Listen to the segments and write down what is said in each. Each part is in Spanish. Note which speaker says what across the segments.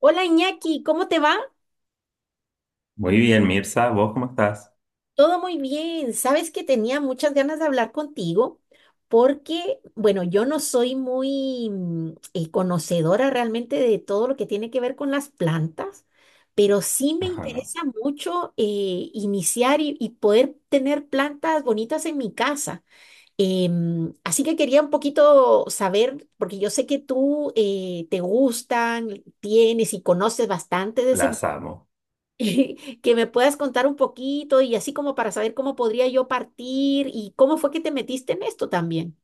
Speaker 1: Hola Iñaki, ¿cómo te va?
Speaker 2: Muy bien, Mirza, ¿vos cómo estás?
Speaker 1: Todo muy bien. Sabes que tenía muchas ganas de hablar contigo porque, bueno, yo no soy muy conocedora realmente de todo lo que tiene que ver con las plantas, pero sí me
Speaker 2: Ajá,
Speaker 1: interesa mucho iniciar y poder tener plantas bonitas en mi casa. Así que quería un poquito saber, porque yo sé que tú te gustan, tienes y conoces bastante de ese
Speaker 2: las amo.
Speaker 1: que me puedas contar un poquito y así como para saber cómo podría yo partir y cómo fue que te metiste en esto también.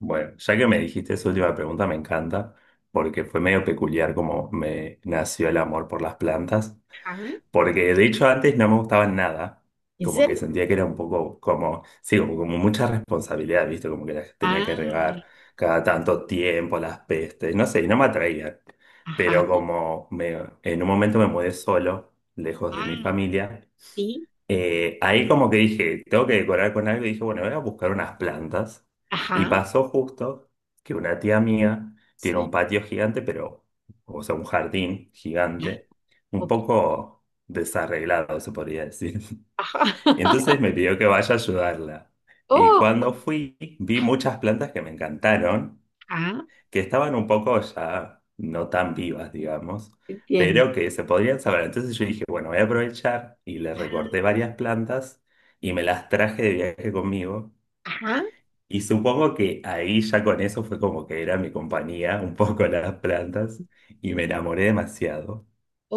Speaker 2: Bueno, ya que me dijiste esa última pregunta, me encanta, porque fue medio peculiar como me nació el amor por las plantas,
Speaker 1: Ajá.
Speaker 2: porque de hecho antes no me gustaban nada,
Speaker 1: ¿En
Speaker 2: como que
Speaker 1: serio?
Speaker 2: sentía que era un poco como, sí, como, como mucha responsabilidad, ¿viste? Como que las tenía que
Speaker 1: Ah,
Speaker 2: regar cada tanto tiempo, las pestes, no sé, y no me atraían.
Speaker 1: ajá,
Speaker 2: Pero en un momento me mudé solo, lejos de mi
Speaker 1: ah,
Speaker 2: familia.
Speaker 1: sí,
Speaker 2: Ahí como que dije, tengo que decorar con algo y dije, bueno, voy a buscar unas plantas. Y
Speaker 1: ajá,
Speaker 2: pasó justo que una tía mía tiene
Speaker 1: sí,
Speaker 2: un patio gigante, pero, o sea, un jardín
Speaker 1: ya,
Speaker 2: gigante, un
Speaker 1: ok,
Speaker 2: poco desarreglado, se podría decir.
Speaker 1: ajá.
Speaker 2: Entonces me pidió que vaya a ayudarla. Y
Speaker 1: Oh,
Speaker 2: cuando fui, vi muchas plantas que me encantaron
Speaker 1: ah,
Speaker 2: que estaban un poco ya no tan vivas, digamos,
Speaker 1: entiendo.
Speaker 2: pero que se podrían saber. Entonces yo dije, bueno, voy a aprovechar y le
Speaker 1: Ah,
Speaker 2: recorté varias plantas y me las traje de viaje conmigo.
Speaker 1: ajá,
Speaker 2: Y supongo que ahí ya con eso fue como que era mi compañía, un poco las plantas, y me enamoré demasiado.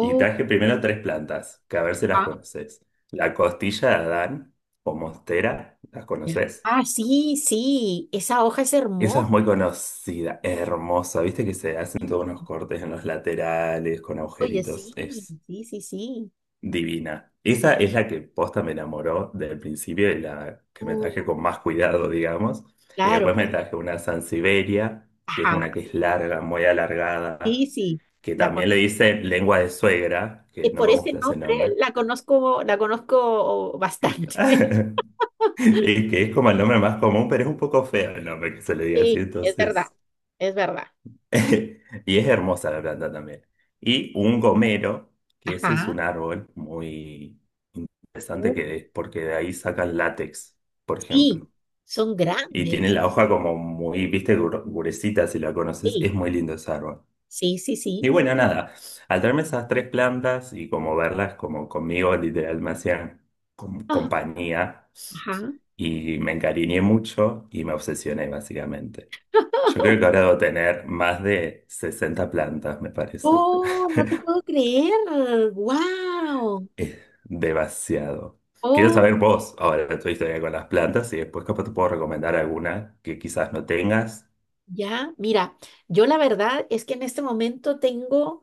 Speaker 2: Y traje primero tres plantas, que a ver si las
Speaker 1: ah,
Speaker 2: conoces. La costilla de Adán o monstera, ¿las
Speaker 1: ya.
Speaker 2: conoces?
Speaker 1: Ah, sí, sí, esa hoja es
Speaker 2: Esa es
Speaker 1: hermosa.
Speaker 2: muy conocida, hermosa. Viste que se hacen
Speaker 1: Sí,
Speaker 2: todos unos cortes en los laterales con
Speaker 1: oye,
Speaker 2: agujeritos.
Speaker 1: sí,
Speaker 2: Es
Speaker 1: sí, sí, sí.
Speaker 2: divina. Esa es la que posta me enamoró del principio y la que me traje con
Speaker 1: Uh,
Speaker 2: más cuidado, digamos. Y
Speaker 1: claro,
Speaker 2: después me
Speaker 1: sí,
Speaker 2: traje una Sansevieria, que es
Speaker 1: ajá,
Speaker 2: una que es larga, muy
Speaker 1: sí,
Speaker 2: alargada,
Speaker 1: sí,
Speaker 2: que
Speaker 1: la
Speaker 2: también le
Speaker 1: conozco.
Speaker 2: dicen lengua de suegra,
Speaker 1: Y
Speaker 2: que no
Speaker 1: por
Speaker 2: me
Speaker 1: ese
Speaker 2: gusta ese
Speaker 1: nombre
Speaker 2: nombre.
Speaker 1: la conozco bastante.
Speaker 2: Y que es como el nombre más común, pero es un poco feo el nombre que se le diga así,
Speaker 1: Sí, es verdad,
Speaker 2: entonces.
Speaker 1: es verdad.
Speaker 2: Y es hermosa la planta también. Y un gomero, que ese es
Speaker 1: Ajá.
Speaker 2: un árbol muy interesante
Speaker 1: Uh,
Speaker 2: que es porque de ahí sacan látex, por
Speaker 1: sí,
Speaker 2: ejemplo.
Speaker 1: son
Speaker 2: Y tiene
Speaker 1: grandes.
Speaker 2: la hoja como muy, viste, gruesita, si la conoces, es
Speaker 1: Sí,
Speaker 2: muy lindo ese árbol.
Speaker 1: sí, sí,
Speaker 2: Y
Speaker 1: sí.
Speaker 2: bueno, nada, al traerme esas tres plantas y como verlas como conmigo, literal, me hacían
Speaker 1: Ah,
Speaker 2: compañía
Speaker 1: ajá.
Speaker 2: y me encariñé mucho y me obsesioné básicamente. Yo creo que ahora debo tener más de 60 plantas, me parece.
Speaker 1: Oh, no te puedo creer. Wow.
Speaker 2: Es demasiado. Quiero
Speaker 1: Oh,
Speaker 2: saber vos, ahora tu historia con las plantas y después capaz te puedo recomendar alguna que quizás no tengas.
Speaker 1: ya. Mira, yo la verdad es que en este momento tengo,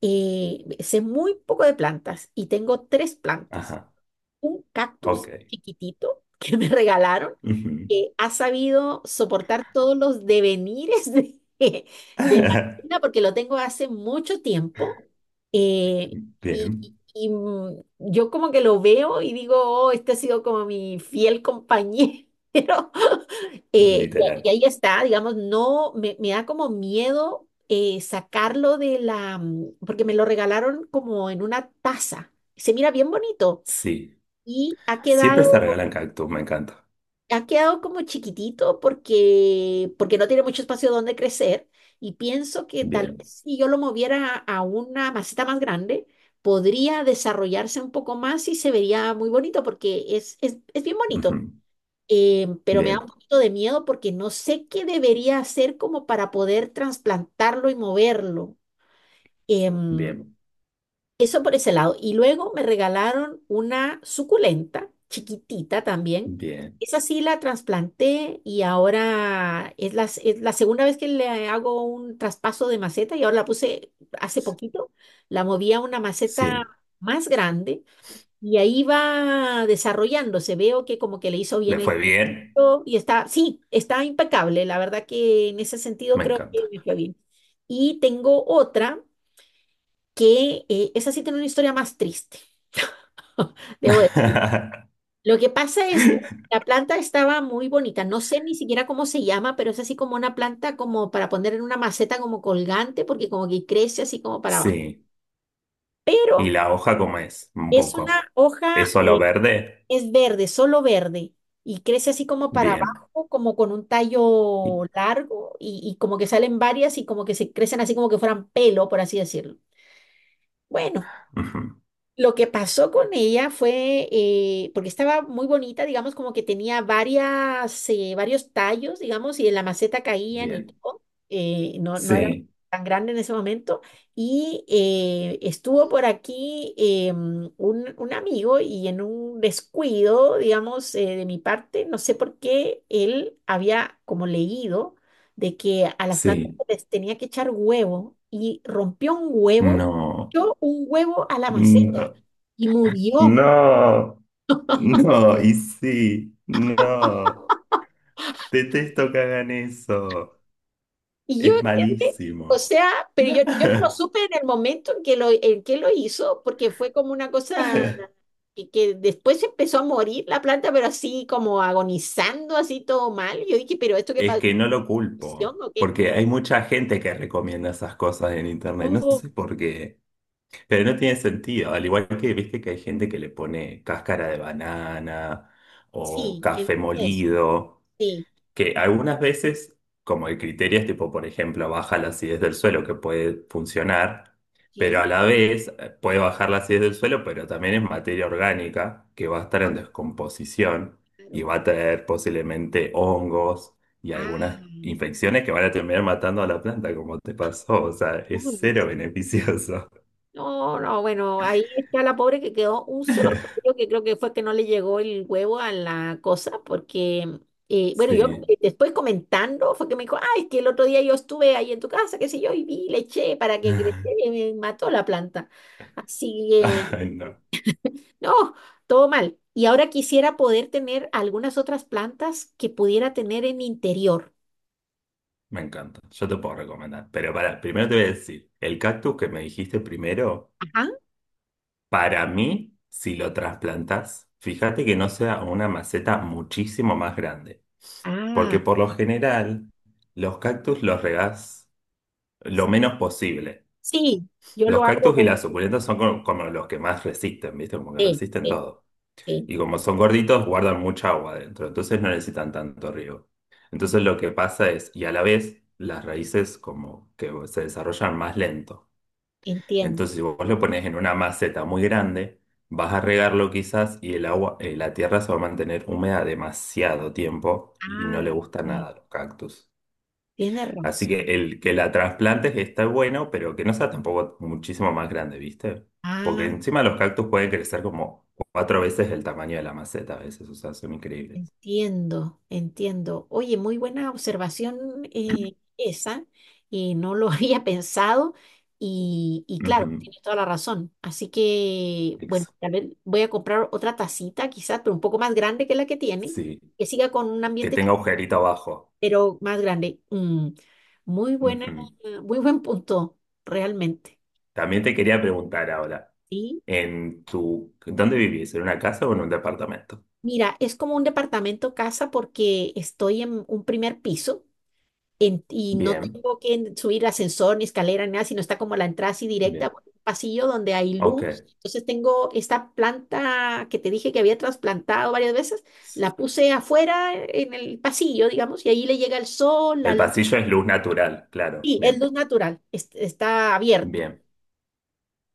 Speaker 1: sé muy poco de plantas y tengo tres plantas.
Speaker 2: Ajá,
Speaker 1: Un
Speaker 2: ok.
Speaker 1: cactus chiquitito que me regalaron
Speaker 2: Ujú.
Speaker 1: que ha sabido soportar todos los devenires de, de la vida porque lo tengo hace mucho tiempo. eh, y, y-
Speaker 2: Bien,
Speaker 1: y, mm, yo como que lo veo y digo, "Oh, este ha sido como mi fiel compañero". Eh, y
Speaker 2: literal.
Speaker 1: ahí está, digamos, no, me da como miedo sacarlo de la, porque me lo regalaron como en una taza. Se mira bien bonito
Speaker 2: Sí,
Speaker 1: y ha
Speaker 2: siempre se
Speaker 1: quedado,
Speaker 2: regalan cactus, me encanta.
Speaker 1: ha quedado como chiquitito porque, porque no tiene mucho espacio donde crecer. Y pienso que tal vez
Speaker 2: Bien,
Speaker 1: si yo lo moviera a una maceta más grande, podría desarrollarse un poco más y se vería muy bonito porque es bien bonito.
Speaker 2: ujú.
Speaker 1: Pero me da un
Speaker 2: Bien,
Speaker 1: poquito de miedo porque no sé qué debería hacer como para poder trasplantarlo y moverlo. Em,
Speaker 2: bien,
Speaker 1: Eso por ese lado. Y luego me regalaron una suculenta, chiquitita también.
Speaker 2: bien.
Speaker 1: Esa sí la trasplanté y ahora es la segunda vez que le hago un traspaso de maceta y ahora la puse hace poquito. La moví a una maceta
Speaker 2: Sí,
Speaker 1: más grande y ahí va desarrollándose. Veo que como que le hizo
Speaker 2: le
Speaker 1: bien
Speaker 2: fue
Speaker 1: el
Speaker 2: bien,
Speaker 1: cuidado y está, sí, está impecable. La verdad que en ese sentido
Speaker 2: me
Speaker 1: creo que
Speaker 2: encanta.
Speaker 1: me fue bien. Y tengo otra que esa sí tiene una historia más triste. Debo de- Lo que pasa es que la planta estaba muy bonita. No sé ni siquiera cómo se llama, pero es así como una planta como para poner en una maceta como colgante, porque como que crece así como para abajo.
Speaker 2: Sí, y
Speaker 1: Pero
Speaker 2: la hoja como es, un
Speaker 1: es una
Speaker 2: poco. ¿Es
Speaker 1: hoja,
Speaker 2: solo verde?
Speaker 1: es verde, solo verde, y crece así como para
Speaker 2: Bien.
Speaker 1: abajo, como con un tallo largo, y como que salen varias y como que se crecen así como que fueran pelo, por así decirlo. Bueno.
Speaker 2: Ujú.
Speaker 1: Lo que pasó con ella fue, porque estaba muy bonita, digamos, como que tenía varios tallos, digamos, y en la maceta caían y
Speaker 2: Bien.
Speaker 1: todo. No era
Speaker 2: Sí,
Speaker 1: tan grande en ese momento. Y estuvo por aquí un amigo y en un descuido, digamos, de mi parte, no sé por qué él había como leído de que a las plantas
Speaker 2: sí,
Speaker 1: les tenía que echar huevo y rompió un huevo.
Speaker 2: no,
Speaker 1: Yo un huevo a la maceta
Speaker 2: no,
Speaker 1: y murió.
Speaker 2: no, no, y sí, no. Detesto que hagan eso.
Speaker 1: Y yo,
Speaker 2: Es
Speaker 1: ¿entiendes? O
Speaker 2: malísimo.
Speaker 1: sea, pero yo no lo supe en el momento en que lo hizo, porque fue como una cosa que después empezó a morir la planta, pero así como agonizando, así todo mal. Yo dije, pero esto qué
Speaker 2: Es
Speaker 1: pasó.
Speaker 2: que no lo
Speaker 1: ¿Infección
Speaker 2: culpo,
Speaker 1: o qué?
Speaker 2: porque hay mucha gente que recomienda esas cosas en internet, no
Speaker 1: Oh,
Speaker 2: sé por qué, pero no tiene sentido, al igual que viste que hay gente que le pone cáscara de banana o
Speaker 1: sí, he
Speaker 2: café
Speaker 1: visto eso.
Speaker 2: molido.
Speaker 1: Sí,
Speaker 2: Que algunas veces, como el criterio es tipo, por ejemplo, baja la acidez del suelo, que puede funcionar, pero
Speaker 1: ok.
Speaker 2: a la vez puede bajar la acidez del suelo, pero también es materia orgánica que va a estar
Speaker 1: Ah,
Speaker 2: en descomposición y
Speaker 1: claro.
Speaker 2: va a traer posiblemente hongos y
Speaker 1: Ah,
Speaker 2: algunas infecciones que van a terminar matando a la planta, como te pasó. O sea, es
Speaker 1: uy,
Speaker 2: cero beneficioso.
Speaker 1: no, no, bueno, ahí está la pobre que quedó un solo cabello que creo que fue que no le llegó el huevo a la cosa, porque, bueno, yo
Speaker 2: Sí.
Speaker 1: después comentando fue que me dijo, ay, es que el otro día yo estuve ahí en tu casa, qué sé yo, y vi, le eché para que creciera y me mató la planta. Así que,
Speaker 2: Ay, no,
Speaker 1: no, todo mal. Y ahora quisiera poder tener algunas otras plantas que pudiera tener en interior.
Speaker 2: me encanta. Yo te puedo recomendar. Pero para, primero te voy a decir, el cactus que me dijiste primero.
Speaker 1: Ajá.
Speaker 2: Para mí, si lo trasplantas, fíjate que no sea una maceta muchísimo más grande, porque
Speaker 1: Ah,
Speaker 2: por lo general los cactus los regás lo menos posible.
Speaker 1: sí, yo
Speaker 2: Los
Speaker 1: lo
Speaker 2: cactus y
Speaker 1: hago.
Speaker 2: las suculentas son como, como los que más resisten, ¿viste? Como que
Speaker 1: Sí,
Speaker 2: resisten
Speaker 1: sí,
Speaker 2: todo.
Speaker 1: sí,
Speaker 2: Y como son gorditos, guardan mucha agua adentro, entonces no necesitan tanto riego. Entonces lo que pasa es, y a la vez, las raíces como que se desarrollan más lento.
Speaker 1: entiendo.
Speaker 2: Entonces, si vos lo pones en una maceta muy grande, vas a regarlo quizás y el agua, la tierra se va a mantener húmeda demasiado tiempo y no le
Speaker 1: Ah,
Speaker 2: gusta nada a los cactus.
Speaker 1: tiene razón.
Speaker 2: Así que el que la trasplantes está bueno, pero que no sea tampoco muchísimo más grande, ¿viste? Porque
Speaker 1: Ah,
Speaker 2: encima los cactus pueden crecer como cuatro veces el tamaño de la maceta a veces, o sea, son increíbles.
Speaker 1: entiendo, entiendo. Oye, muy buena observación esa, y no lo había pensado, y claro,
Speaker 2: Ujú,
Speaker 1: tienes toda la razón. Así que, bueno,
Speaker 2: ex-
Speaker 1: tal vez voy a comprar otra tacita, quizás, pero un poco más grande que la que tiene,
Speaker 2: sí,
Speaker 1: que siga con un
Speaker 2: que
Speaker 1: ambiente,
Speaker 2: tenga agujerito abajo.
Speaker 1: pero más grande. Muy buena,
Speaker 2: Ujú.
Speaker 1: muy buen punto, realmente.
Speaker 2: También te quería preguntar ahora.
Speaker 1: Sí.
Speaker 2: En tu, ¿dónde vivís? ¿En una casa o en un departamento?
Speaker 1: Mira, es como un departamento casa porque estoy en un primer piso y no
Speaker 2: Bien,
Speaker 1: tengo que subir ascensor ni escalera ni nada, sino está como la entrada así directa,
Speaker 2: bien,
Speaker 1: por un pasillo donde hay luz.
Speaker 2: ok.
Speaker 1: Entonces tengo esta planta que te dije que había trasplantado varias veces, la puse afuera en el pasillo, digamos, y ahí le llega el sol, la
Speaker 2: El
Speaker 1: luz.
Speaker 2: pasillo es luz natural, claro,
Speaker 1: Sí, es luz
Speaker 2: bien,
Speaker 1: natural, está abierto.
Speaker 2: bien,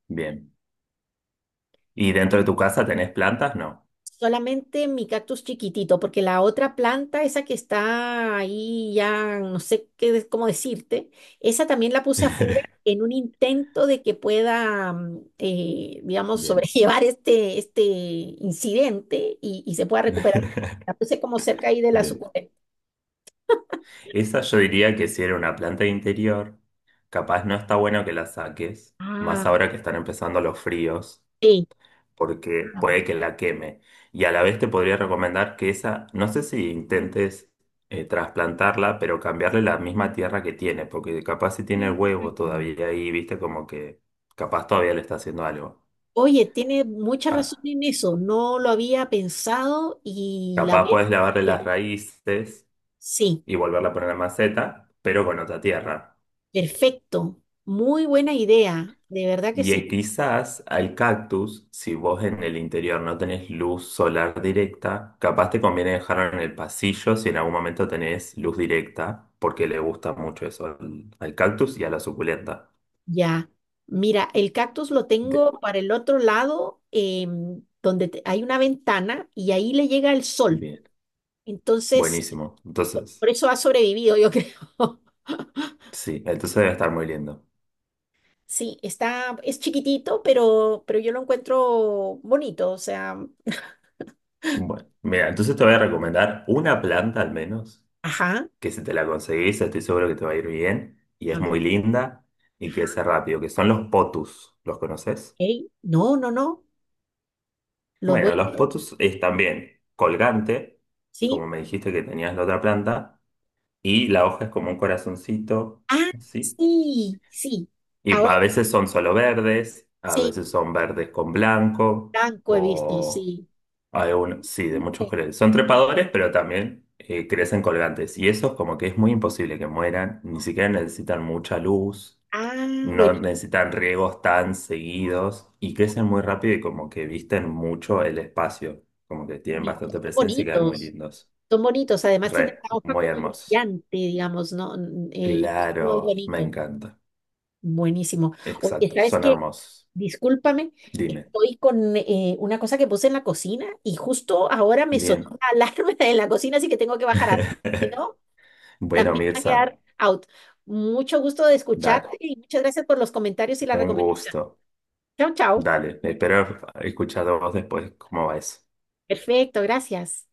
Speaker 2: bien. ¿Y dentro de tu casa tenés plantas? No.
Speaker 1: Solamente mi cactus chiquitito, porque la otra planta, esa que está ahí ya, no sé qué, cómo decirte, esa también la puse afuera en un intento de que pueda, digamos,
Speaker 2: Bien,
Speaker 1: sobrellevar este incidente y se pueda recuperar. La puse como cerca ahí de la
Speaker 2: bien.
Speaker 1: suculenta.
Speaker 2: Esa yo diría que si era una planta de interior, capaz no está bueno que la saques, más
Speaker 1: Ah,
Speaker 2: ahora que están empezando los fríos.
Speaker 1: sí.
Speaker 2: Porque puede
Speaker 1: Ah.
Speaker 2: que la queme. Y a la vez te podría recomendar que esa, no sé si intentes trasplantarla, pero cambiarle la misma tierra que tiene, porque capaz si tiene el huevo todavía ahí, viste, como que capaz todavía le está haciendo algo.
Speaker 1: Oye, tiene mucha razón
Speaker 2: Ah,
Speaker 1: en eso, no lo había pensado y la
Speaker 2: capaz
Speaker 1: voy
Speaker 2: puedes
Speaker 1: a...
Speaker 2: lavarle las raíces
Speaker 1: Sí.
Speaker 2: y volverla a poner en la maceta, pero con otra tierra.
Speaker 1: Perfecto, muy buena idea, de verdad que
Speaker 2: Y
Speaker 1: sí.
Speaker 2: quizás al cactus, si vos en el interior no tenés luz solar directa, capaz te conviene dejarlo en el pasillo si en algún momento tenés luz directa, porque le gusta mucho eso al, al cactus y a la suculenta.
Speaker 1: Ya, mira, el cactus lo
Speaker 2: De-
Speaker 1: tengo para el otro lado, donde hay una ventana y ahí le llega el sol.
Speaker 2: bien,
Speaker 1: Entonces,
Speaker 2: buenísimo. Entonces,
Speaker 1: por eso ha sobrevivido, yo creo.
Speaker 2: sí, entonces debe estar muy lindo.
Speaker 1: Sí, está, es chiquitito, pero yo lo encuentro bonito, o sea,
Speaker 2: Bueno, mira, entonces te voy a recomendar una planta al menos,
Speaker 1: ajá,
Speaker 2: que si te la conseguís, estoy seguro que te va a ir bien, y
Speaker 1: a
Speaker 2: es
Speaker 1: ver,
Speaker 2: muy linda y crece rápido, que son los potus. ¿Los conoces?
Speaker 1: ey, no, no, no, los voy
Speaker 2: Bueno, los
Speaker 1: a,
Speaker 2: potus es también colgante,
Speaker 1: sí.
Speaker 2: como me dijiste que tenías la otra planta, y la hoja es como un corazoncito,
Speaker 1: Ah,
Speaker 2: así.
Speaker 1: sí, sí,
Speaker 2: Y
Speaker 1: ahora
Speaker 2: a veces son solo verdes, a
Speaker 1: sí,
Speaker 2: veces son verdes con blanco,
Speaker 1: blanco he visto,
Speaker 2: o
Speaker 1: sí.
Speaker 2: hay uno, sí, de
Speaker 1: Mire.
Speaker 2: muchos colores. Son trepadores, pero también crecen colgantes. Y eso es como que es muy imposible que mueran, ni siquiera necesitan mucha luz,
Speaker 1: Ah,
Speaker 2: no
Speaker 1: buenísimo.
Speaker 2: necesitan riegos tan seguidos y crecen muy rápido y como que visten mucho el espacio, como que tienen bastante
Speaker 1: Son
Speaker 2: presencia y quedan muy
Speaker 1: bonitos.
Speaker 2: lindos.
Speaker 1: Son bonitos. Además tienen
Speaker 2: Re,
Speaker 1: la hoja
Speaker 2: muy
Speaker 1: como
Speaker 2: hermosos.
Speaker 1: brillante, digamos, ¿no? Y eso es muy
Speaker 2: Claro, me
Speaker 1: bonito.
Speaker 2: encanta.
Speaker 1: Buenísimo. Oye,
Speaker 2: Exacto,
Speaker 1: ¿sabes
Speaker 2: son
Speaker 1: qué?
Speaker 2: hermosos.
Speaker 1: Discúlpame,
Speaker 2: Dime.
Speaker 1: estoy con una cosa que puse en la cocina y justo ahora me sonó
Speaker 2: Bien.
Speaker 1: la alarma en la cocina, así que tengo que bajar a ver. Si no,
Speaker 2: Bueno,
Speaker 1: también va a
Speaker 2: Mirza,
Speaker 1: quedar out. Mucho gusto de escucharte
Speaker 2: dale,
Speaker 1: y muchas gracias por los comentarios y la
Speaker 2: un
Speaker 1: recomendación.
Speaker 2: gusto.
Speaker 1: Chao, chao.
Speaker 2: Dale, espero escuchar de vos después cómo va eso.
Speaker 1: Perfecto, gracias.